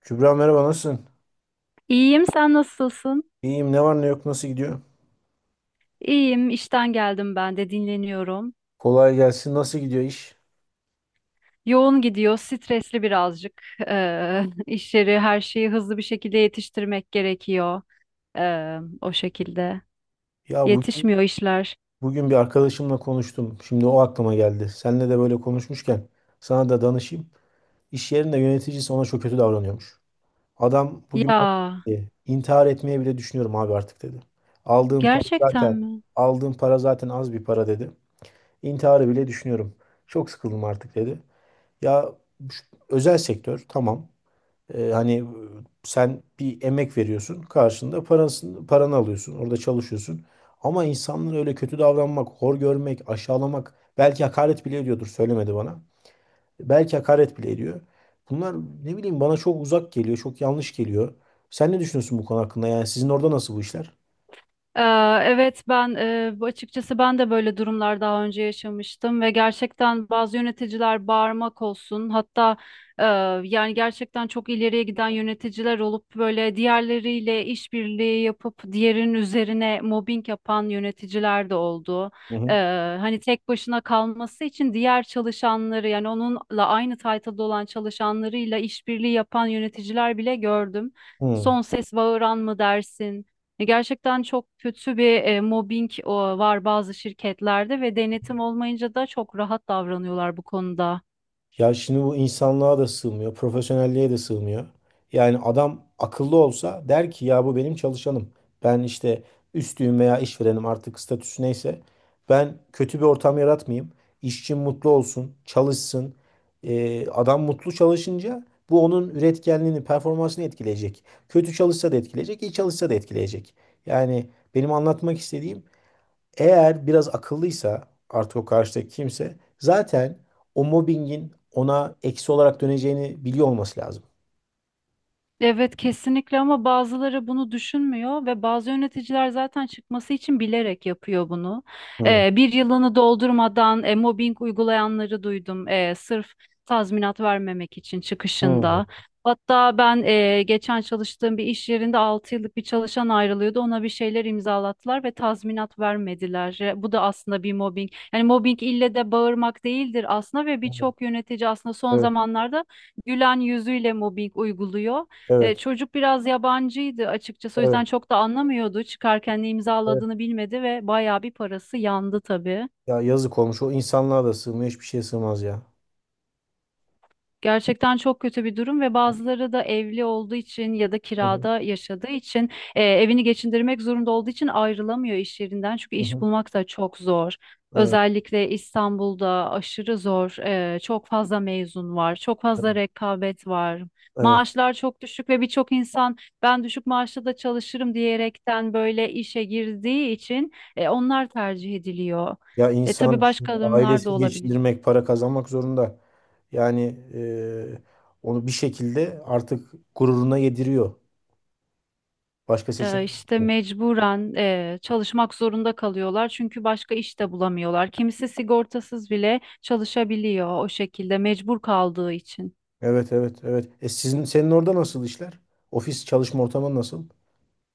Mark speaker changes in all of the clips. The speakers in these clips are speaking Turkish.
Speaker 1: Kübra, merhaba, nasılsın?
Speaker 2: İyiyim, sen nasılsın?
Speaker 1: İyiyim, ne var ne yok, nasıl gidiyor?
Speaker 2: İyiyim, işten geldim ben de dinleniyorum.
Speaker 1: Kolay gelsin, nasıl gidiyor iş?
Speaker 2: Yoğun gidiyor, stresli birazcık. İşleri, her şeyi hızlı bir şekilde yetiştirmek gerekiyor. O şekilde.
Speaker 1: Ya bugün,
Speaker 2: Yetişmiyor işler.
Speaker 1: bugün bir arkadaşımla konuştum. Şimdi o aklıma geldi. Seninle de böyle konuşmuşken sana da danışayım. İş yerinde yöneticisi ona çok kötü davranıyormuş. Adam bugün bana
Speaker 2: Ya,
Speaker 1: dedi ki, intihar etmeye bile düşünüyorum abi artık dedi. Aldığım para
Speaker 2: gerçekten
Speaker 1: zaten
Speaker 2: mi?
Speaker 1: aldığım para zaten az bir para dedi. İntiharı bile düşünüyorum. Çok sıkıldım artık dedi. Ya şu- özel sektör tamam. Ee, hani e, sen bir emek veriyorsun, karşında parasını, paranı alıyorsun, orada çalışıyorsun. Ama insanlara öyle kötü davranmak, hor görmek, aşağılamak, belki hakaret bile ediyordur, söylemedi bana. Belki hakaret bile ediyor. Bunlar, ne bileyim, bana çok uzak geliyor, çok yanlış geliyor. Sen ne düşünüyorsun bu konu hakkında? Yani sizin orada nasıl bu işler?
Speaker 2: Ee, Evet ben açıkçası ben de böyle durumlar daha önce yaşamıştım ve gerçekten bazı yöneticiler bağırmak olsun hatta e, yani gerçekten çok ileriye giden yöneticiler olup böyle diğerleriyle işbirliği yapıp diğerinin üzerine mobbing yapan yöneticiler de oldu.
Speaker 1: Hı
Speaker 2: Ee,
Speaker 1: hı.
Speaker 2: hani tek başına kalması için diğer çalışanları yani onunla aynı title'da olan çalışanlarıyla işbirliği yapan yöneticiler bile gördüm.
Speaker 1: Hmm.
Speaker 2: Son ses bağıran mı dersin? Gerçekten çok kötü bir mobbing var bazı şirketlerde ve denetim olmayınca da çok rahat davranıyorlar bu konuda.
Speaker 1: Ya şimdi bu insanlığa da sığmıyor, profesyonelliğe de sığmıyor. Yani adam akıllı olsa der ki ya bu benim çalışanım. Ben işte üstüyüm veya işverenim, artık statüsü neyse. Ben kötü bir ortam yaratmayayım. İşçim mutlu olsun, çalışsın. Adam mutlu çalışınca bu onun üretkenliğini, performansını etkileyecek. Kötü çalışsa da etkileyecek, iyi çalışsa da etkileyecek. Yani benim anlatmak istediğim, eğer biraz akıllıysa artık o karşıdaki kimse zaten o mobbingin ona eksi olarak döneceğini biliyor olması lazım.
Speaker 2: Evet kesinlikle ama bazıları bunu düşünmüyor ve bazı yöneticiler zaten çıkması için bilerek yapıyor bunu.
Speaker 1: Hı,
Speaker 2: Bir yılını doldurmadan mobbing uygulayanları duydum, sırf tazminat vermemek için
Speaker 1: hı.
Speaker 2: çıkışında. Hatta ben geçen çalıştığım bir iş yerinde 6 yıllık bir çalışan ayrılıyordu. Ona bir şeyler imzalattılar ve tazminat vermediler. Bu da aslında bir mobbing. Yani mobbing ille de bağırmak değildir aslında ve
Speaker 1: Evet,
Speaker 2: birçok yönetici aslında son
Speaker 1: evet,
Speaker 2: zamanlarda gülen yüzüyle mobbing uyguluyor. E,
Speaker 1: evet,
Speaker 2: çocuk biraz yabancıydı açıkçası o yüzden
Speaker 1: evet.
Speaker 2: çok da anlamıyordu. Çıkarken ne
Speaker 1: Evet.
Speaker 2: imzaladığını bilmedi ve bayağı bir parası yandı tabii.
Speaker 1: Ya yazık olmuş. O insanlığa da sığmıyor. Hiçbir şeye sığmaz ya.
Speaker 2: Gerçekten çok kötü bir durum ve bazıları da evli olduğu için ya da
Speaker 1: Hı hı,
Speaker 2: kirada yaşadığı için evini geçindirmek zorunda olduğu için ayrılamıyor iş yerinden. Çünkü
Speaker 1: hı
Speaker 2: iş
Speaker 1: hı.
Speaker 2: bulmak da çok zor.
Speaker 1: Evet,
Speaker 2: Özellikle İstanbul'da aşırı zor. E, çok fazla mezun var, çok fazla
Speaker 1: evet.
Speaker 2: rekabet var.
Speaker 1: Evet.
Speaker 2: Maaşlar çok düşük ve birçok insan ben düşük maaşla da çalışırım diyerekten böyle işe girdiği için onlar tercih ediliyor.
Speaker 1: Ya
Speaker 2: E, tabii
Speaker 1: insan şimdi
Speaker 2: başka durumlar da
Speaker 1: ailesini
Speaker 2: olabilir.
Speaker 1: geçindirmek, para kazanmak zorunda. Yani e, onu bir şekilde artık gururuna yediriyor. Başka seçenek
Speaker 2: İşte
Speaker 1: yok.
Speaker 2: mecburen çalışmak zorunda kalıyorlar çünkü başka iş de bulamıyorlar. Kimisi sigortasız bile çalışabiliyor o şekilde mecbur kaldığı için.
Speaker 1: Evet, evet, evet. E, sizin, senin orada nasıl işler? Ofis çalışma ortamı nasıl?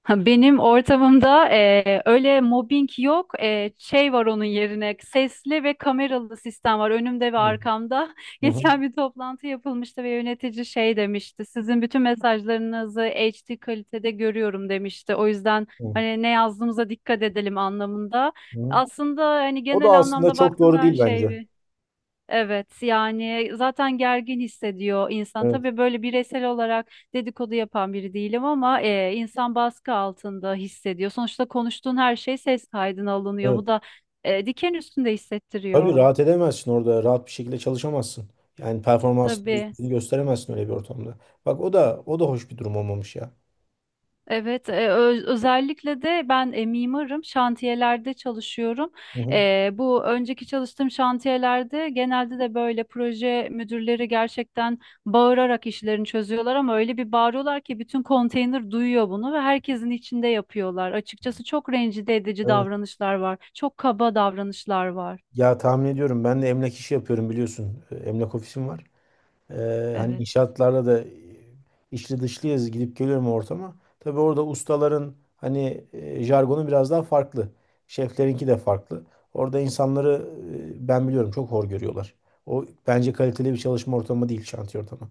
Speaker 2: Ha, Benim ortamımda öyle mobbing yok. Şey var onun yerine, sesli ve kameralı sistem var önümde ve
Speaker 1: Hı
Speaker 2: arkamda.
Speaker 1: hı.
Speaker 2: Geçen bir toplantı yapılmıştı ve yönetici şey demişti: sizin bütün mesajlarınızı HD kalitede görüyorum demişti. O yüzden
Speaker 1: Hı,
Speaker 2: hani ne yazdığımıza dikkat edelim anlamında.
Speaker 1: hı.
Speaker 2: Aslında hani
Speaker 1: O da
Speaker 2: genel
Speaker 1: aslında
Speaker 2: anlamda
Speaker 1: çok
Speaker 2: baktığında
Speaker 1: doğru
Speaker 2: her
Speaker 1: değil bence.
Speaker 2: şey evet, yani zaten gergin hissediyor insan.
Speaker 1: Evet,
Speaker 2: Tabii böyle bireysel olarak dedikodu yapan biri değilim ama insan baskı altında hissediyor. Sonuçta konuştuğun her şey ses kaydına alınıyor.
Speaker 1: evet.
Speaker 2: Bu da diken üstünde
Speaker 1: Tabii
Speaker 2: hissettiriyor.
Speaker 1: rahat edemezsin orada. Rahat bir şekilde çalışamazsın. Yani performansını
Speaker 2: Tabii.
Speaker 1: yüzde yüz gösteremezsin öyle bir ortamda. Bak, o da o da hoş bir durum olmamış ya.
Speaker 2: Evet, özellikle de ben mimarım, şantiyelerde çalışıyorum.
Speaker 1: Hı hı.
Speaker 2: Bu önceki çalıştığım şantiyelerde genelde de böyle proje müdürleri gerçekten bağırarak işlerini çözüyorlar ama öyle bir bağırıyorlar ki bütün konteyner duyuyor bunu ve herkesin içinde yapıyorlar. Açıkçası çok rencide edici
Speaker 1: Evet.
Speaker 2: davranışlar var, çok kaba davranışlar var.
Speaker 1: Ya tahmin ediyorum, ben de emlak işi yapıyorum biliyorsun. E, emlak ofisim var. Hani
Speaker 2: Evet.
Speaker 1: inşaatlarda da içli dışlıyız, gidip geliyorum ortama. Tabii orada ustaların hani jargonu biraz daha farklı. Şeflerinki de farklı. Orada insanları ben biliyorum çok hor görüyorlar. O bence kaliteli bir çalışma ortamı değil şantiye ortamı.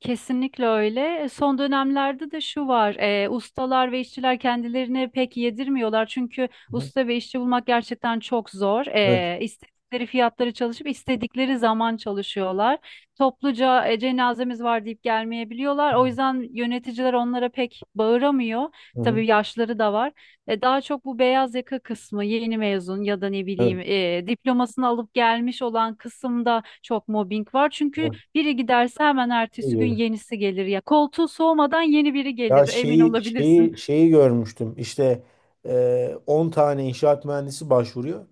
Speaker 2: Kesinlikle öyle. Son dönemlerde de şu var, ustalar ve işçiler kendilerini pek yedirmiyorlar çünkü
Speaker 1: Hı hı.
Speaker 2: usta ve işçi bulmak gerçekten çok zor.
Speaker 1: Evet.
Speaker 2: İstedikleri fiyatları çalışıp istedikleri zaman çalışıyorlar. Topluca cenazemiz var deyip gelmeyebiliyorlar. O yüzden yöneticiler onlara pek bağıramıyor.
Speaker 1: Hı hı.
Speaker 2: Tabii yaşları da var. E, daha çok bu beyaz yaka kısmı, yeni mezun ya da ne bileyim,
Speaker 1: Evet.
Speaker 2: diplomasını alıp gelmiş olan kısımda çok mobbing var. Çünkü
Speaker 1: Evet.
Speaker 2: biri giderse hemen
Speaker 1: İyi
Speaker 2: ertesi gün
Speaker 1: görüyoruz.
Speaker 2: yenisi gelir ya. Koltuğu soğumadan yeni biri
Speaker 1: Ya
Speaker 2: gelir, emin
Speaker 1: şeyi
Speaker 2: olabilirsin.
Speaker 1: şeyi şeyi görmüştüm. İşte 10 tane inşaat mühendisi başvuruyor.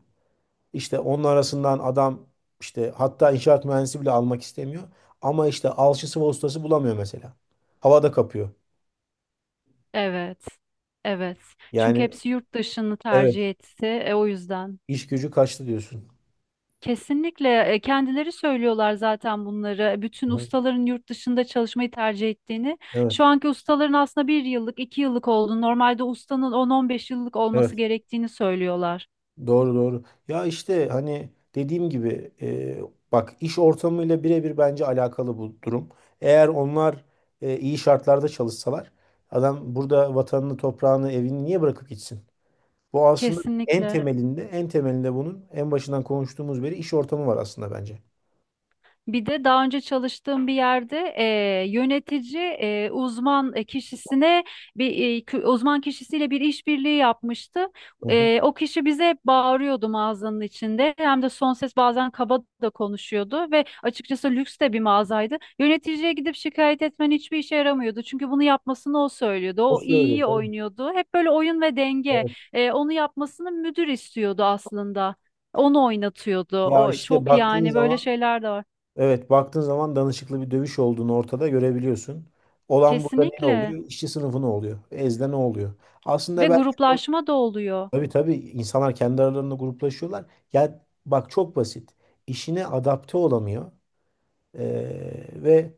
Speaker 1: İşte onun arasından adam işte hatta inşaat mühendisi bile almak istemiyor. Ama işte alçısı ve ustası bulamıyor mesela. Havada kapıyor.
Speaker 2: Evet. Evet. Çünkü
Speaker 1: Yani
Speaker 2: hepsi yurt dışını
Speaker 1: evet,
Speaker 2: tercih etti. O yüzden.
Speaker 1: iş gücü kaçtı diyorsun.
Speaker 2: Kesinlikle, kendileri söylüyorlar zaten bunları. Bütün
Speaker 1: Hı hı.
Speaker 2: ustaların yurt dışında çalışmayı tercih ettiğini.
Speaker 1: Evet,
Speaker 2: Şu anki ustaların aslında bir yıllık, iki yıllık olduğunu, normalde ustanın 10-15 yıllık olması
Speaker 1: evet.
Speaker 2: gerektiğini söylüyorlar.
Speaker 1: Doğru, doğru. Ya işte hani dediğim gibi bak, iş ortamıyla birebir bence alakalı bu durum. Eğer onlar iyi şartlarda çalışsalar adam burada vatanını, toprağını, evini niye bırakıp gitsin? Bu aslında en
Speaker 2: Kesinlikle.
Speaker 1: temelinde, en temelinde bunun en başından konuştuğumuz beri iş ortamı var aslında bence.
Speaker 2: Bir de daha önce çalıştığım bir yerde yönetici uzman kişisine bir uzman kişisiyle bir işbirliği yapmıştı.
Speaker 1: Hı hı.
Speaker 2: O kişi bize hep bağırıyordu mağazanın içinde. Hem de son ses, bazen kaba da konuşuyordu ve açıkçası lüks de bir mağazaydı. Yöneticiye gidip şikayet etmen hiçbir işe yaramıyordu. Çünkü bunu yapmasını o söylüyordu.
Speaker 1: O
Speaker 2: O
Speaker 1: söylüyor
Speaker 2: iyi
Speaker 1: tabii.
Speaker 2: oynuyordu. Hep böyle oyun ve denge.
Speaker 1: Evet.
Speaker 2: E, onu yapmasını müdür istiyordu aslında. Onu oynatıyordu.
Speaker 1: Ya
Speaker 2: O
Speaker 1: işte
Speaker 2: çok,
Speaker 1: baktığın
Speaker 2: yani böyle
Speaker 1: zaman,
Speaker 2: şeyler de var.
Speaker 1: evet, baktığın zaman danışıklı bir dövüş olduğunu ortada görebiliyorsun. Olan burada ne
Speaker 2: Kesinlikle.
Speaker 1: oluyor? İşçi sınıfı ne oluyor? Ezde ne oluyor?
Speaker 2: Ve
Speaker 1: Aslında belki o,
Speaker 2: gruplaşma da oluyor.
Speaker 1: tabii tabii, insanlar kendi aralarında gruplaşıyorlar. Ya bak, çok basit. İşine adapte olamıyor. Ve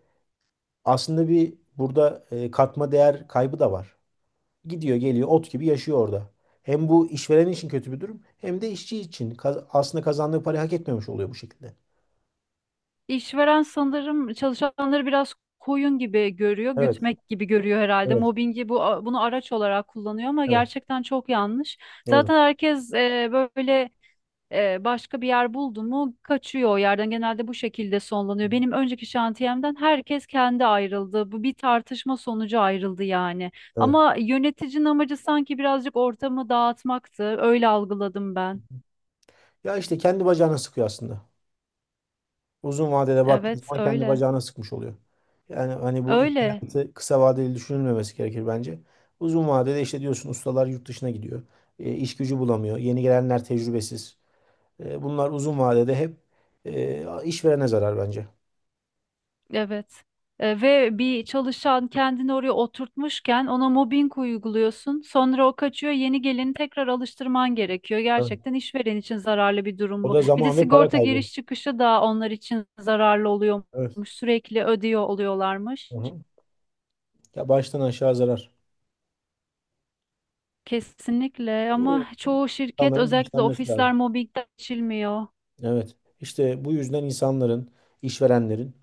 Speaker 1: aslında burada katma değer kaybı da var. Gidiyor geliyor, ot gibi yaşıyor orada. Hem bu işveren için kötü bir durum hem de işçi için aslında kazandığı parayı hak etmemiş oluyor bu şekilde.
Speaker 2: İşveren sanırım çalışanları biraz koyun gibi görüyor,
Speaker 1: Evet,
Speaker 2: gütmek gibi görüyor herhalde.
Speaker 1: evet,
Speaker 2: Mobbingi bunu araç olarak kullanıyor ama
Speaker 1: evet.
Speaker 2: gerçekten çok yanlış.
Speaker 1: Doğru.
Speaker 2: Zaten herkes böyle, başka bir yer buldu mu kaçıyor o yerden. Genelde bu şekilde sonlanıyor. Benim önceki şantiyemden herkes kendi ayrıldı. Bu bir tartışma sonucu ayrıldı yani.
Speaker 1: Evet.
Speaker 2: Ama yöneticinin amacı sanki birazcık ortamı dağıtmaktı. Öyle algıladım ben.
Speaker 1: Ya işte kendi bacağına sıkıyor aslında. Uzun vadede baktığınız
Speaker 2: Evet,
Speaker 1: zaman kendi
Speaker 2: öyle.
Speaker 1: bacağına sıkmış oluyor. Yani hani bu iş
Speaker 2: Öyle,
Speaker 1: hayatı kısa vadeli düşünülmemesi gerekir bence. Uzun vadede işte diyorsun ustalar yurt dışına gidiyor. E, iş gücü bulamıyor. Yeni gelenler tecrübesiz. Bunlar uzun vadede hep işverene zarar bence.
Speaker 2: evet. Ve bir çalışan kendini oraya oturtmuşken ona mobbing uyguluyorsun. Sonra o kaçıyor, yeni geleni tekrar alıştırman gerekiyor.
Speaker 1: Evet.
Speaker 2: Gerçekten işveren için zararlı bir durum
Speaker 1: O
Speaker 2: bu.
Speaker 1: da
Speaker 2: Bir de
Speaker 1: zaman ve para
Speaker 2: sigorta
Speaker 1: kaybı.
Speaker 2: giriş çıkışı da onlar için zararlı
Speaker 1: Evet.
Speaker 2: oluyormuş. Sürekli ödüyor oluyorlarmış.
Speaker 1: Hı hı. Ya baştan aşağı zarar.
Speaker 2: Kesinlikle
Speaker 1: O,
Speaker 2: ama çoğu şirket,
Speaker 1: insanların
Speaker 2: özellikle de
Speaker 1: bilinçlenmesi
Speaker 2: ofisler
Speaker 1: lazım.
Speaker 2: mobbingden geçilmiyor.
Speaker 1: Evet. İşte bu yüzden insanların, işverenlerin,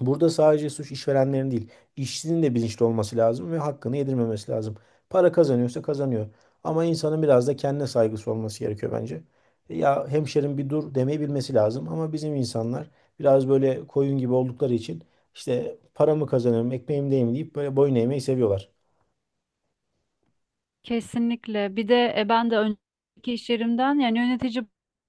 Speaker 1: burada sadece suç işverenlerin değil, işçinin de bilinçli olması lazım ve hakkını yedirmemesi lazım. Para kazanıyorsa kazanıyor. Ama insanın biraz da kendine saygısı olması gerekiyor bence. Ya hemşerim, bir dur demeyi bilmesi lazım, ama bizim insanlar biraz böyle koyun gibi oldukları için işte paramı kazanıyorum, ekmeğimdeyim deyip böyle boyun eğmeyi seviyorlar.
Speaker 2: Kesinlikle. Bir de ben de önceki iş yerimden, yani yönetici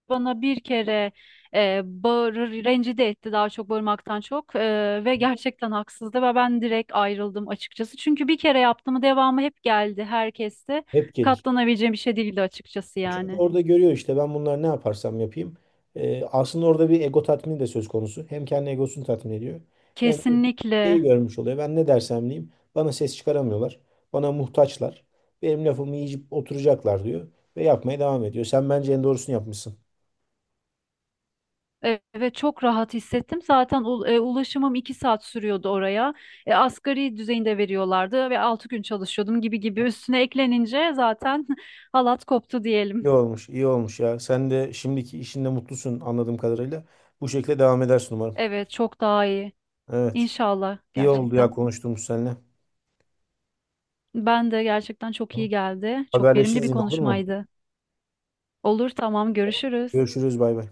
Speaker 2: bana bir kere bağırır, rencide etti daha çok bağırmaktan çok. Ve gerçekten haksızdı ve ben direkt ayrıldım açıkçası. Çünkü bir kere yaptığımı devamı hep geldi herkeste.
Speaker 1: Hep gelir.
Speaker 2: Katlanabileceğim bir şey değildi açıkçası
Speaker 1: Çünkü
Speaker 2: yani.
Speaker 1: orada görüyor işte, ben bunlar ne yaparsam yapayım. Aslında orada bir ego tatmini de söz konusu. Hem kendi egosunu tatmin ediyor. Hem de şeyi
Speaker 2: Kesinlikle.
Speaker 1: görmüş oluyor. Ben ne dersem diyeyim. Bana ses çıkaramıyorlar. Bana muhtaçlar. Benim lafımı yiyip oturacaklar diyor. Ve yapmaya devam ediyor. Sen bence en doğrusunu yapmışsın.
Speaker 2: Evet, çok rahat hissettim. Zaten ulaşımım iki saat sürüyordu oraya. Asgari düzeyinde veriyorlardı ve altı gün çalışıyordum, gibi gibi üstüne eklenince zaten halat koptu
Speaker 1: İyi
Speaker 2: diyelim.
Speaker 1: olmuş, iyi olmuş ya. Sen de şimdiki işinde mutlusun anladığım kadarıyla. Bu şekilde devam edersin umarım.
Speaker 2: Evet, çok daha iyi.
Speaker 1: Evet.
Speaker 2: İnşallah
Speaker 1: İyi oldu ya
Speaker 2: gerçekten.
Speaker 1: konuştuğumuz seninle.
Speaker 2: Ben de gerçekten çok iyi
Speaker 1: Tamam.
Speaker 2: geldi. Çok verimli
Speaker 1: Haberleşiriz
Speaker 2: bir
Speaker 1: yine, olur mu?
Speaker 2: konuşmaydı. Olur, tamam, görüşürüz.
Speaker 1: Görüşürüz, bay bay.